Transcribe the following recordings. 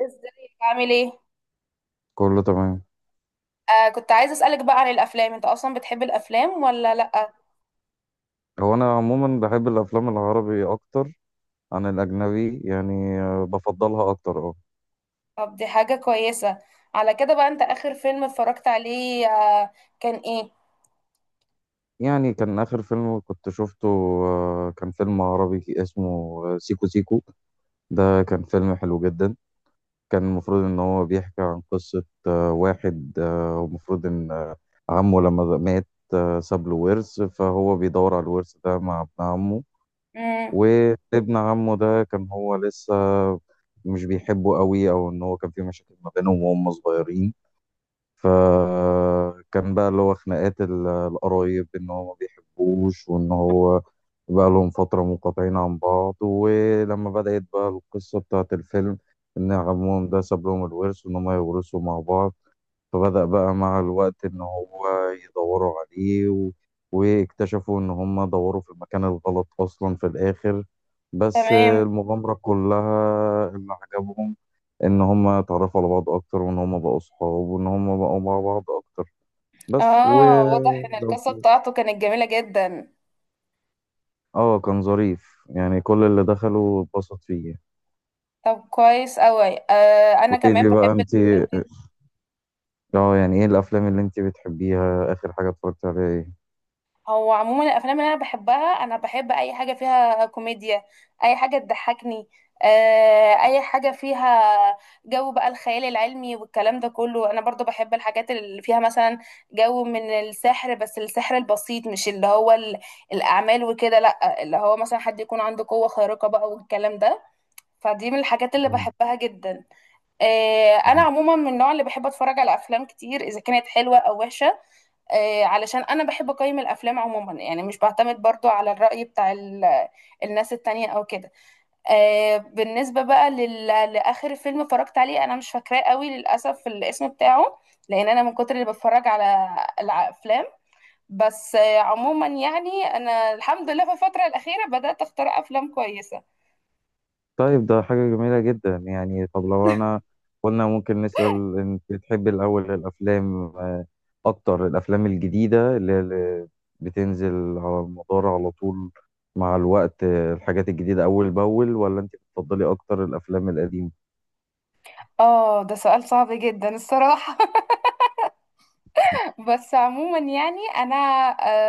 ازيك عامل ايه؟ كله تمام. آه، كنت عايزه اسالك بقى عن الافلام. انت اصلا بتحب الافلام ولا لا؟ هو انا عموما بحب الافلام العربي اكتر عن الاجنبي يعني، بفضلها اكتر. اه طب دي حاجه كويسه. على كده بقى، انت اخر فيلم اتفرجت عليه كان ايه؟ يعني كان اخر فيلم كنت شفته كان فيلم عربي اسمه سيكو سيكو. ده كان فيلم حلو جدا. كان المفروض ان هو بيحكي عن قصة واحد المفروض ان عمه لما مات ساب له ورث، فهو بيدور على الورث ده مع ابن عمه. امم. وابن عمه ده كان هو لسه مش بيحبه قوي، او ان هو كان في مشاكل ما بينهم وهم صغيرين. فكان بقى اللي هو خناقات القرايب ان هو ما بيحبوش، وان هو بقى لهم فترة منقطعين عن بعض. ولما بدأت بقى القصة بتاعت الفيلم ان عمهم ده ساب لهم الورث وان هم يورثوا مع بعض، فبدأ بقى مع الوقت إن هو يدوروا عليه واكتشفوا إن هم دوروا في المكان الغلط أصلا في الآخر. بس تمام. المغامرة كلها اللي عجبهم إن هم اتعرفوا على بعض أكتر، وإن هم بقوا صحاب، وإن هم بقوا مع بعض أكتر. بس و اه، واضح ان لو القصه فلوس. بتاعته كانت جميله جدا. آه كان ظريف يعني، كل اللي دخلوا اتبسط فيه. طب كويس قوي. آه، انا وإيه كمان دي بحب بقى أنت، الافلام. يعني إيه الأفلام اللي أنت بتحبيها، آخر حاجة اتفرجت عليها إيه؟ هو عموما الافلام اللي انا بحبها، انا بحب اي حاجه فيها كوميديا، اي حاجه تضحكني. اي حاجه فيها جو بقى الخيال العلمي والكلام ده كله. انا برضو بحب الحاجات اللي فيها مثلا جو من السحر، بس السحر البسيط، مش الاعمال وكده، لا، اللي هو مثلا حد يكون عنده قوه خارقه بقى والكلام ده. فدي من الحاجات اللي بحبها جدا. انا مم. عموما من النوع اللي بحب اتفرج على افلام كتير، اذا كانت حلوه او وحشه. علشان انا بحب اقيم الافلام عموما، يعني مش بعتمد برضو على الرأي بتاع الناس التانية او كده. بالنسبة بقى لاخر فيلم اتفرجت عليه، انا مش فاكراه قوي للاسف الاسم بتاعه، لان انا من كتر اللي بتفرج على الافلام. بس عموما يعني انا الحمد لله في الفترة الاخيرة بدأت اختار افلام كويسة. طيب ده حاجة جميلة جدا يعني. طب لو أنا قلنا ممكن نسأل، أنت بتحب الأول الأفلام، أكتر الأفلام الجديدة اللي بتنزل على المدار على طول مع الوقت، الحاجات الجديدة أول بأول، ولا أنت بتفضلي أكتر الأفلام القديمة؟ اه، ده سؤال صعب جدا الصراحة. بس عموما يعني انا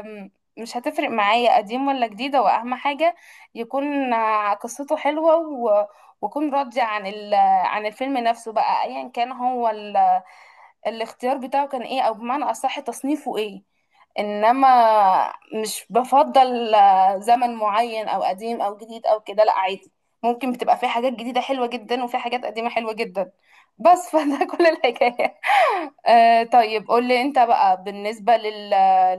أم، مش هتفرق معايا قديم ولا جديد. هو اهم حاجه يكون قصته حلوه وكون راضي عن عن الفيلم نفسه بقى، ايا كان هو الاختيار بتاعه كان ايه، او بمعنى اصح تصنيفه ايه. انما مش بفضل زمن معين، او قديم او جديد او كده، لا، عادي. ممكن بتبقى في حاجات جديدة حلوة جدا وفي حاجات قديمة حلوة جدا. بس فده كل الحكاية. آه طيب، قول لي انت بقى، بالنسبة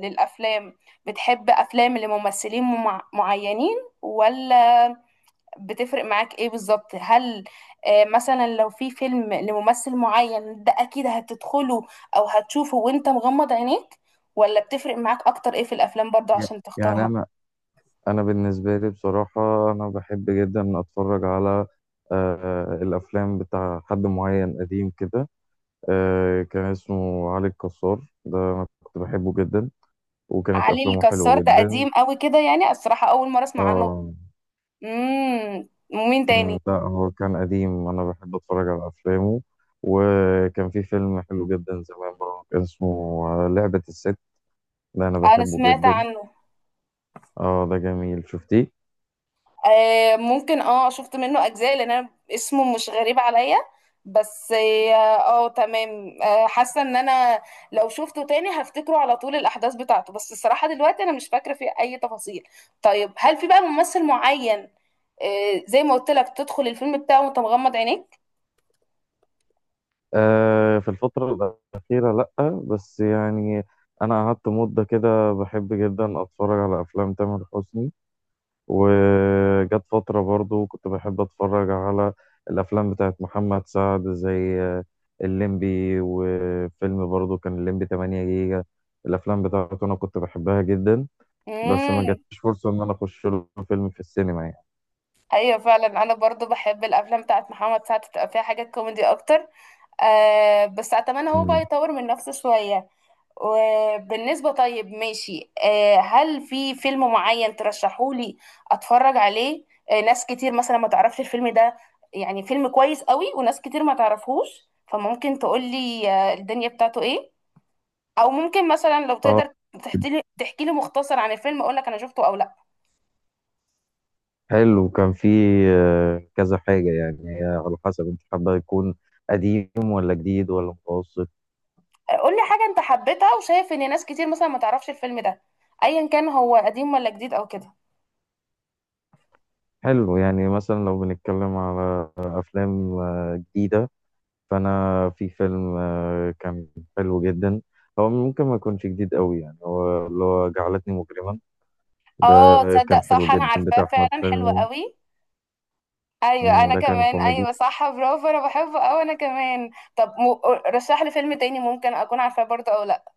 للأفلام، بتحب أفلام لممثلين معينين، ولا بتفرق معاك ايه بالظبط؟ هل آه، مثلا لو في فيلم لممثل معين، ده اكيد هتدخله او هتشوفه وانت مغمض عينيك، ولا بتفرق معاك اكتر ايه في الافلام برضه ي- عشان يعني تختارها؟ أنا بالنسبة لي بصراحة أنا بحب جدا أتفرج على الأفلام بتاع حد معين قديم كده. كان اسمه علي الكسار، ده أنا كنت بحبه جدا، وكانت علي أفلامه حلوة الكسار ده جدا. قديم قوي كده يعني، الصراحة اول مرة اسمع عنه. اه. امم، ومين مم، تاني؟ لا هو كان قديم، أنا بحب أتفرج على أفلامه. وكان في فيلم حلو جدا زمان برضه، كان اسمه لعبة الست، ده أنا انا بحبه سمعت جدا. عنه. اه ده جميل، شفتيه؟ آه ممكن، اه شفت منه اجزاء لان انا اسمه مش غريب عليا. بس اه، تمام. آه، حاسه ان انا لو شفته تاني هفتكره على طول الاحداث بتاعته، بس الصراحه دلوقتي انا مش فاكره فيه اي تفاصيل. طيب، هل في بقى ممثل معين، آه زي ما قلت لك، تدخل الفيلم بتاعه وانت مغمض عينيك؟ في الفترة الأخيرة لأ، بس يعني أنا قعدت مدة كده بحب جدا أتفرج على أفلام تامر حسني. وجت فترة برضو كنت بحب أتفرج على الأفلام بتاعت محمد سعد زي الليمبي، وفيلم برضو كان الليمبي 8 جيجا. الأفلام بتاعته أنا كنت بحبها جدا، بس ما امم. جاتش فرصة إن أنا أخش له فيلم في السينما يعني. ايوه فعلا، انا برضو بحب الافلام بتاعت محمد سعد، بتبقى فيها حاجات كوميدي اكتر. آه بس اتمنى هو بقى مم. يطور من نفسه شويه. وبالنسبة، طيب ماشي، آه، هل في فيلم معين ترشحولي اتفرج عليه؟ ناس كتير مثلا ما تعرفش الفيلم ده، يعني فيلم كويس قوي وناس كتير ما تعرفهوش، فممكن تقولي آه، الدنيا بتاعته ايه، او ممكن مثلا لو اه تقدر تحكي لي مختصر عن الفيلم اقول لك انا شفته او لا. حلو. كان في كذا حاجة يعني، هي على حسب أنت حابة يكون قديم ولا جديد ولا متوسط. قولي حاجة انت حبيتها وشايف ان ناس كتير مثلا ما تعرفش الفيلم ده، ايا كان هو قديم ولا جديد او كده. حلو يعني، مثلا لو بنتكلم على أفلام جديدة، فانا في فيلم كان حلو جدا، هو ممكن ما يكونش جديد قوي يعني، هو اللي هو جعلتني مجرما ده، اه، تصدق كان حلو صح، انا جدا عارفاه بتاع احمد فعلا، حلو حلمي. قوي. ايوه مم، انا ده كان كمان، كوميدي. ايوه صح، برافو، انا بحبه اوي انا كمان. طب م... رشح لي فيلم تاني ممكن اكون عارفاه برضه او لا.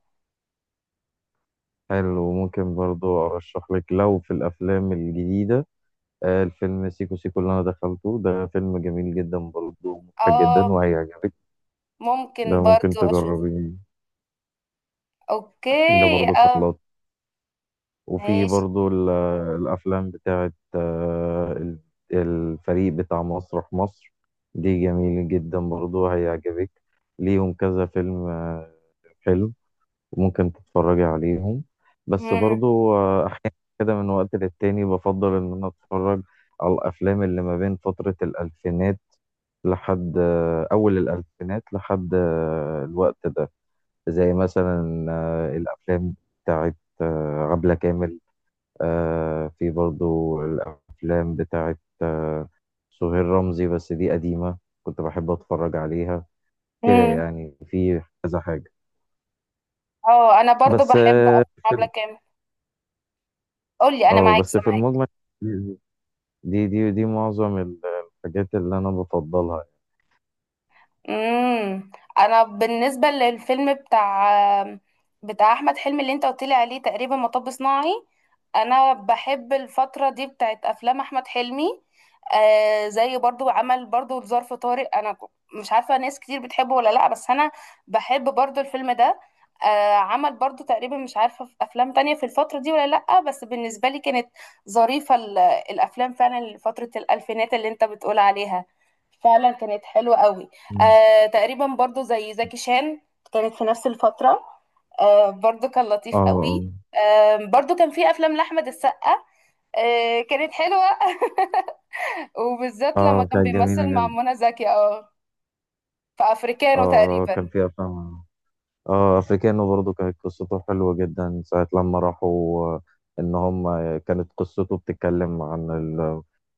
حلو، وممكن برضو ارشح لك لو في الافلام الجديده الفيلم سيكو سيكو اللي انا دخلته، ده فيلم جميل جدا برضو، مضحك جدا اه، وهيعجبك. ده ممكن ممكن برضه اشوف. تجربيه. اوكي. ده برضو كان اه. لطيف. وفي ماشي. برضو الأفلام بتاعت الفريق بتاع مسرح مصر، دي جميل جدا برضو هيعجبك. ليهم كذا فيلم حلو، ممكن تتفرجي عليهم. بس امم. برضو أحيانا كده من وقت للتاني بفضل إن أنا أتفرج على الأفلام اللي ما بين فترة الألفينات لحد أول الألفينات لحد الوقت ده. زي مثلا الأفلام بتاعت عبلة كامل. في برضو الأفلام بتاعت سهير رمزي، بس دي قديمة كنت بحب أتفرج عليها كده امم. يعني. في كذا حاجة اه، انا برضه بس. بحب اه. افلام عبلة في- كامل. قول لي، انا اه معاك بس في سامعاك. المجمل دي معظم الحاجات اللي أنا بفضلها. امم. انا بالنسبه للفيلم بتاع احمد حلمي اللي انت قلت لي عليه، تقريبا مطب صناعي. انا بحب الفتره دي بتاعت افلام احمد حلمي. آه زي برضو عمل برضو ظرف طارق، انا مش عارفه ناس كتير بتحبه ولا لا، بس انا بحب برضو الفيلم ده. آه عمل برضو تقريبا، مش عارفه في افلام تانية في الفتره دي ولا لا، بس بالنسبه لي كانت ظريفه الافلام. فعلا لفتره الالفينات اللي انت بتقول عليها، فعلا كانت حلوه قوي. مم. آه تقريبا برضو زي زكي شان، كانت في نفس الفترة. آه برضو كان اه لطيف اه. قوي. آه برضو كان في أفلام لأحمد السقا. آه كانت حلوة وبالذات لما اه كان كانت جميلة بيمثل مع جدا. منى زكي، اه، في أفريكانو اه اه كان تقريبا. فيها أفلام. اه افريكانو برضو كانت قصته حلوة جدا، ساعة لما راحوا ان هم، كانت قصته بتتكلم عن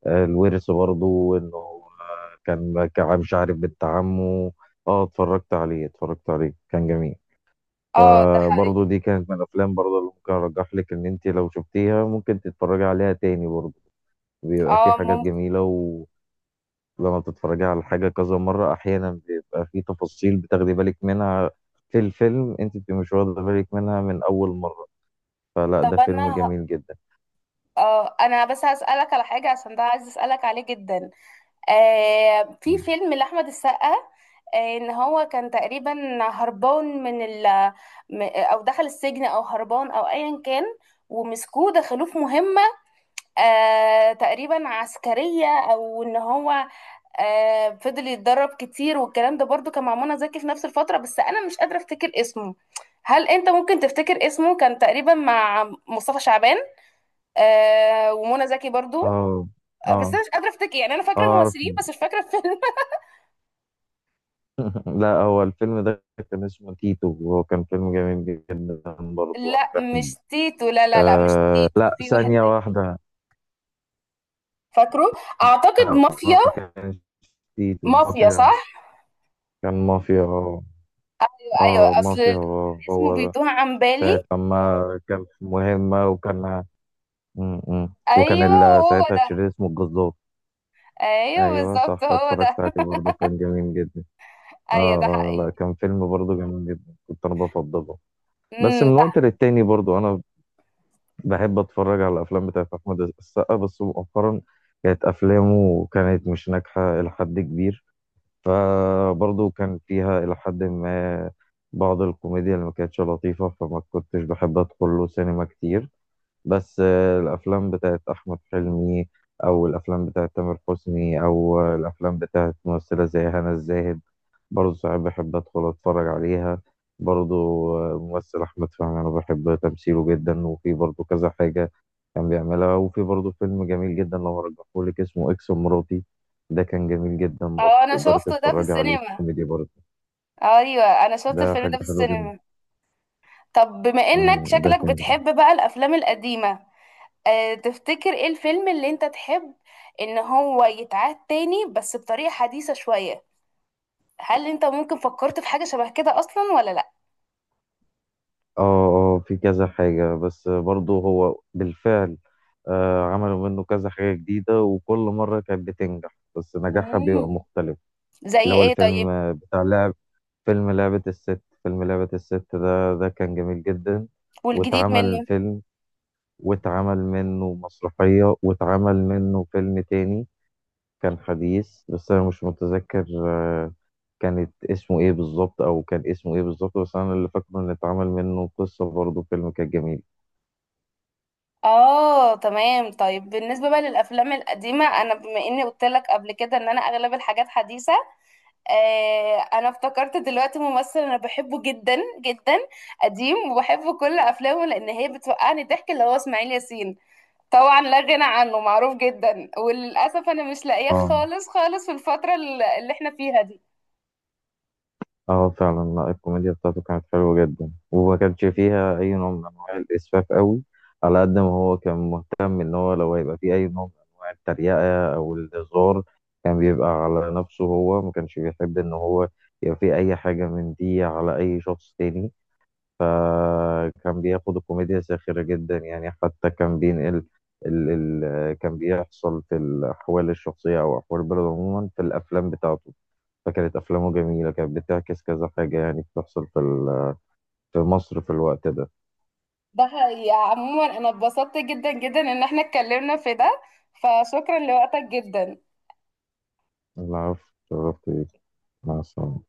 الورث برضو، انه كان مش عارف بنت عمه. اه اتفرجت عليه، اتفرجت عليه كان جميل. اه ده حقيقي. فبرضو دي كانت من الافلام برضو اللي ممكن ارجح لك ان انت لو شفتيها ممكن تتفرجي عليها تاني برضو، بيبقى في اه حاجات ممكن. جميلة. لما بتتفرجي على حاجة كذا مرة، أحيانا بيبقى في تفاصيل بتاخدي بالك منها في الفيلم أنت بتبقي مش واخدة بالك منها من أول مرة. فلا ده طب فيلم أنا ه- جميل جدا. اه أنا بس هسألك على حاجة عشان ده عايز أسألك عليه جدا. آه في مم. فيلم لأحمد السقا، آه ان هو كان تقريبا هربان من او دخل السجن او هربان او ايا كان، ومسكوه دخلوه في مهمة آه تقريبا عسكرية، او ان هو آه فضل يتدرب كتير والكلام ده، برضو كان مع منى زكي في نفس الفترة، بس انا مش قادرة افتكر اسمه. هل انت ممكن تفتكر اسمه؟ كان تقريبا مع مصطفى شعبان آه ومنى زكي برضو. اه بس اه انا مش قادرة افتكر، يعني انا اه فاكرة أعرف. الممثلين بس مش فاكرة الفيلم. لا هو الفيلم ده كان اسمه تيتو، وهو كان فيلم جميل جدا برضه أنا لا مش بحبه. تيتو، لا لا لا مش آه تيتو، لا، في واحد ثانية تاني. واحدة. فاكره، اعتقد لا مافيا. ما كانش تيتو مافيا مافيا، صح. كان مافيا اه. ايوه اه أيوة. اصل مافيا، اسمه هو ده. بيتوه عن بالي. ساعة لما كان في مهمة وكان امم، وكان ايوه هو ساعتها ده. الشرير اسمه الجزار. ايوه ايوه بالظبط صح، هو اتفرجت ده. عليه برضه كان جميل جدا. اه ايوه ده اه. حقيقي. لا كان فيلم برضه جميل جدا كنت انا بفضله. بس امم. من ده وقت للتاني برضه انا بحب اتفرج على الافلام بتاعت احمد السقا، بس مؤخرا كانت افلامه كانت مش ناجحه الى حد كبير، فبرضه كان فيها الى حد ما بعض الكوميديا اللي ما كانتش لطيفه، فما كنتش بحب ادخل له سينما كتير. بس الافلام بتاعت احمد حلمي، او الافلام بتاعت تامر حسني، او الافلام بتاعت ممثله زي هنا الزاهد، برضه ساعات بحب ادخل اتفرج عليها برضه. ممثل احمد فهمي انا بحب تمثيله جدا، وفي برضه كذا حاجه كان بيعملها. وفي برضه فيلم جميل جدا لو هرجحهولك اسمه اكس مراتي، ده كان جميل جدا برضه، اه، انا تقدري شفته ده في تتفرجي عليه، السينما. كوميدي برضه. ايوه انا شفت ده الفيلم حاجه ده في حلوه جدا. السينما. طب بما انك مم، ده شكلك كان. بتحب بقى الافلام القديمه، أه تفتكر ايه الفيلم اللي انت تحب ان هو يتعاد تاني بس بطريقه حديثه شويه؟ هل انت ممكن فكرت في حاجة شبه كده اصلا ولا لا؟ اه اه، في كذا حاجة بس برضه هو بالفعل، عملوا منه كذا حاجة جديدة وكل مرة كانت بتنجح، بس نجاحها بيبقى مم. مختلف. زي اللي هو ايه الفيلم طيب؟ بتاع لعب. فيلم لعبة الست ده كان جميل جدا. والجديد واتعمل منه؟ فيلم، واتعمل منه مسرحية، واتعمل منه فيلم تاني كان حديث، بس أنا مش متذكر كانت اسمه ايه بالظبط، او كان اسمه ايه بالظبط. بس انا اللي فاكره ان اتعمل منه قصة برضه، فيلم كان جميل. اه تمام. طيب بالنسبة بقى للافلام القديمة، انا بما اني قلت لك قبل كده ان انا اغلب الحاجات حديثة، آه انا افتكرت دلوقتي ممثل انا بحبه جدا جدا، قديم، وبحب كل افلامه لان هي بتوقعني ضحك، اللي هو اسماعيل ياسين. طبعا لا غنى عنه، معروف جدا، وللاسف انا مش لاقيه اه خالص خالص في الفترة اللي احنا فيها دي. اه فعلا. لا الكوميديا بتاعته كانت حلوة جدا، وما كانش فيها أي نوع من أنواع الإسفاف قوي. على قد ما هو كان مهتم إن هو لو هيبقى فيه أي نوع من أنواع التريقة أو الهزار، كان بيبقى على نفسه. هو ما كانش بيحب إن هو يبقى فيه أي حاجة من دي على أي شخص تاني. فكان بياخد الكوميديا ساخرة جدا يعني. حتى كان بينقل ال ال كان بيحصل في الأحوال الشخصية أو أحوال البلد عموما في الأفلام بتاعته. فكانت أفلامه جميلة، كانت بتعكس كذا حاجة يعني بتحصل في في مصر في الوقت ده. ده حقيقة. عموما أنا اتبسطت جدا جدا إن احنا اتكلمنا في ده، فشكرا لوقتك جدا. العفو. شرفت بيك. مع السلامة.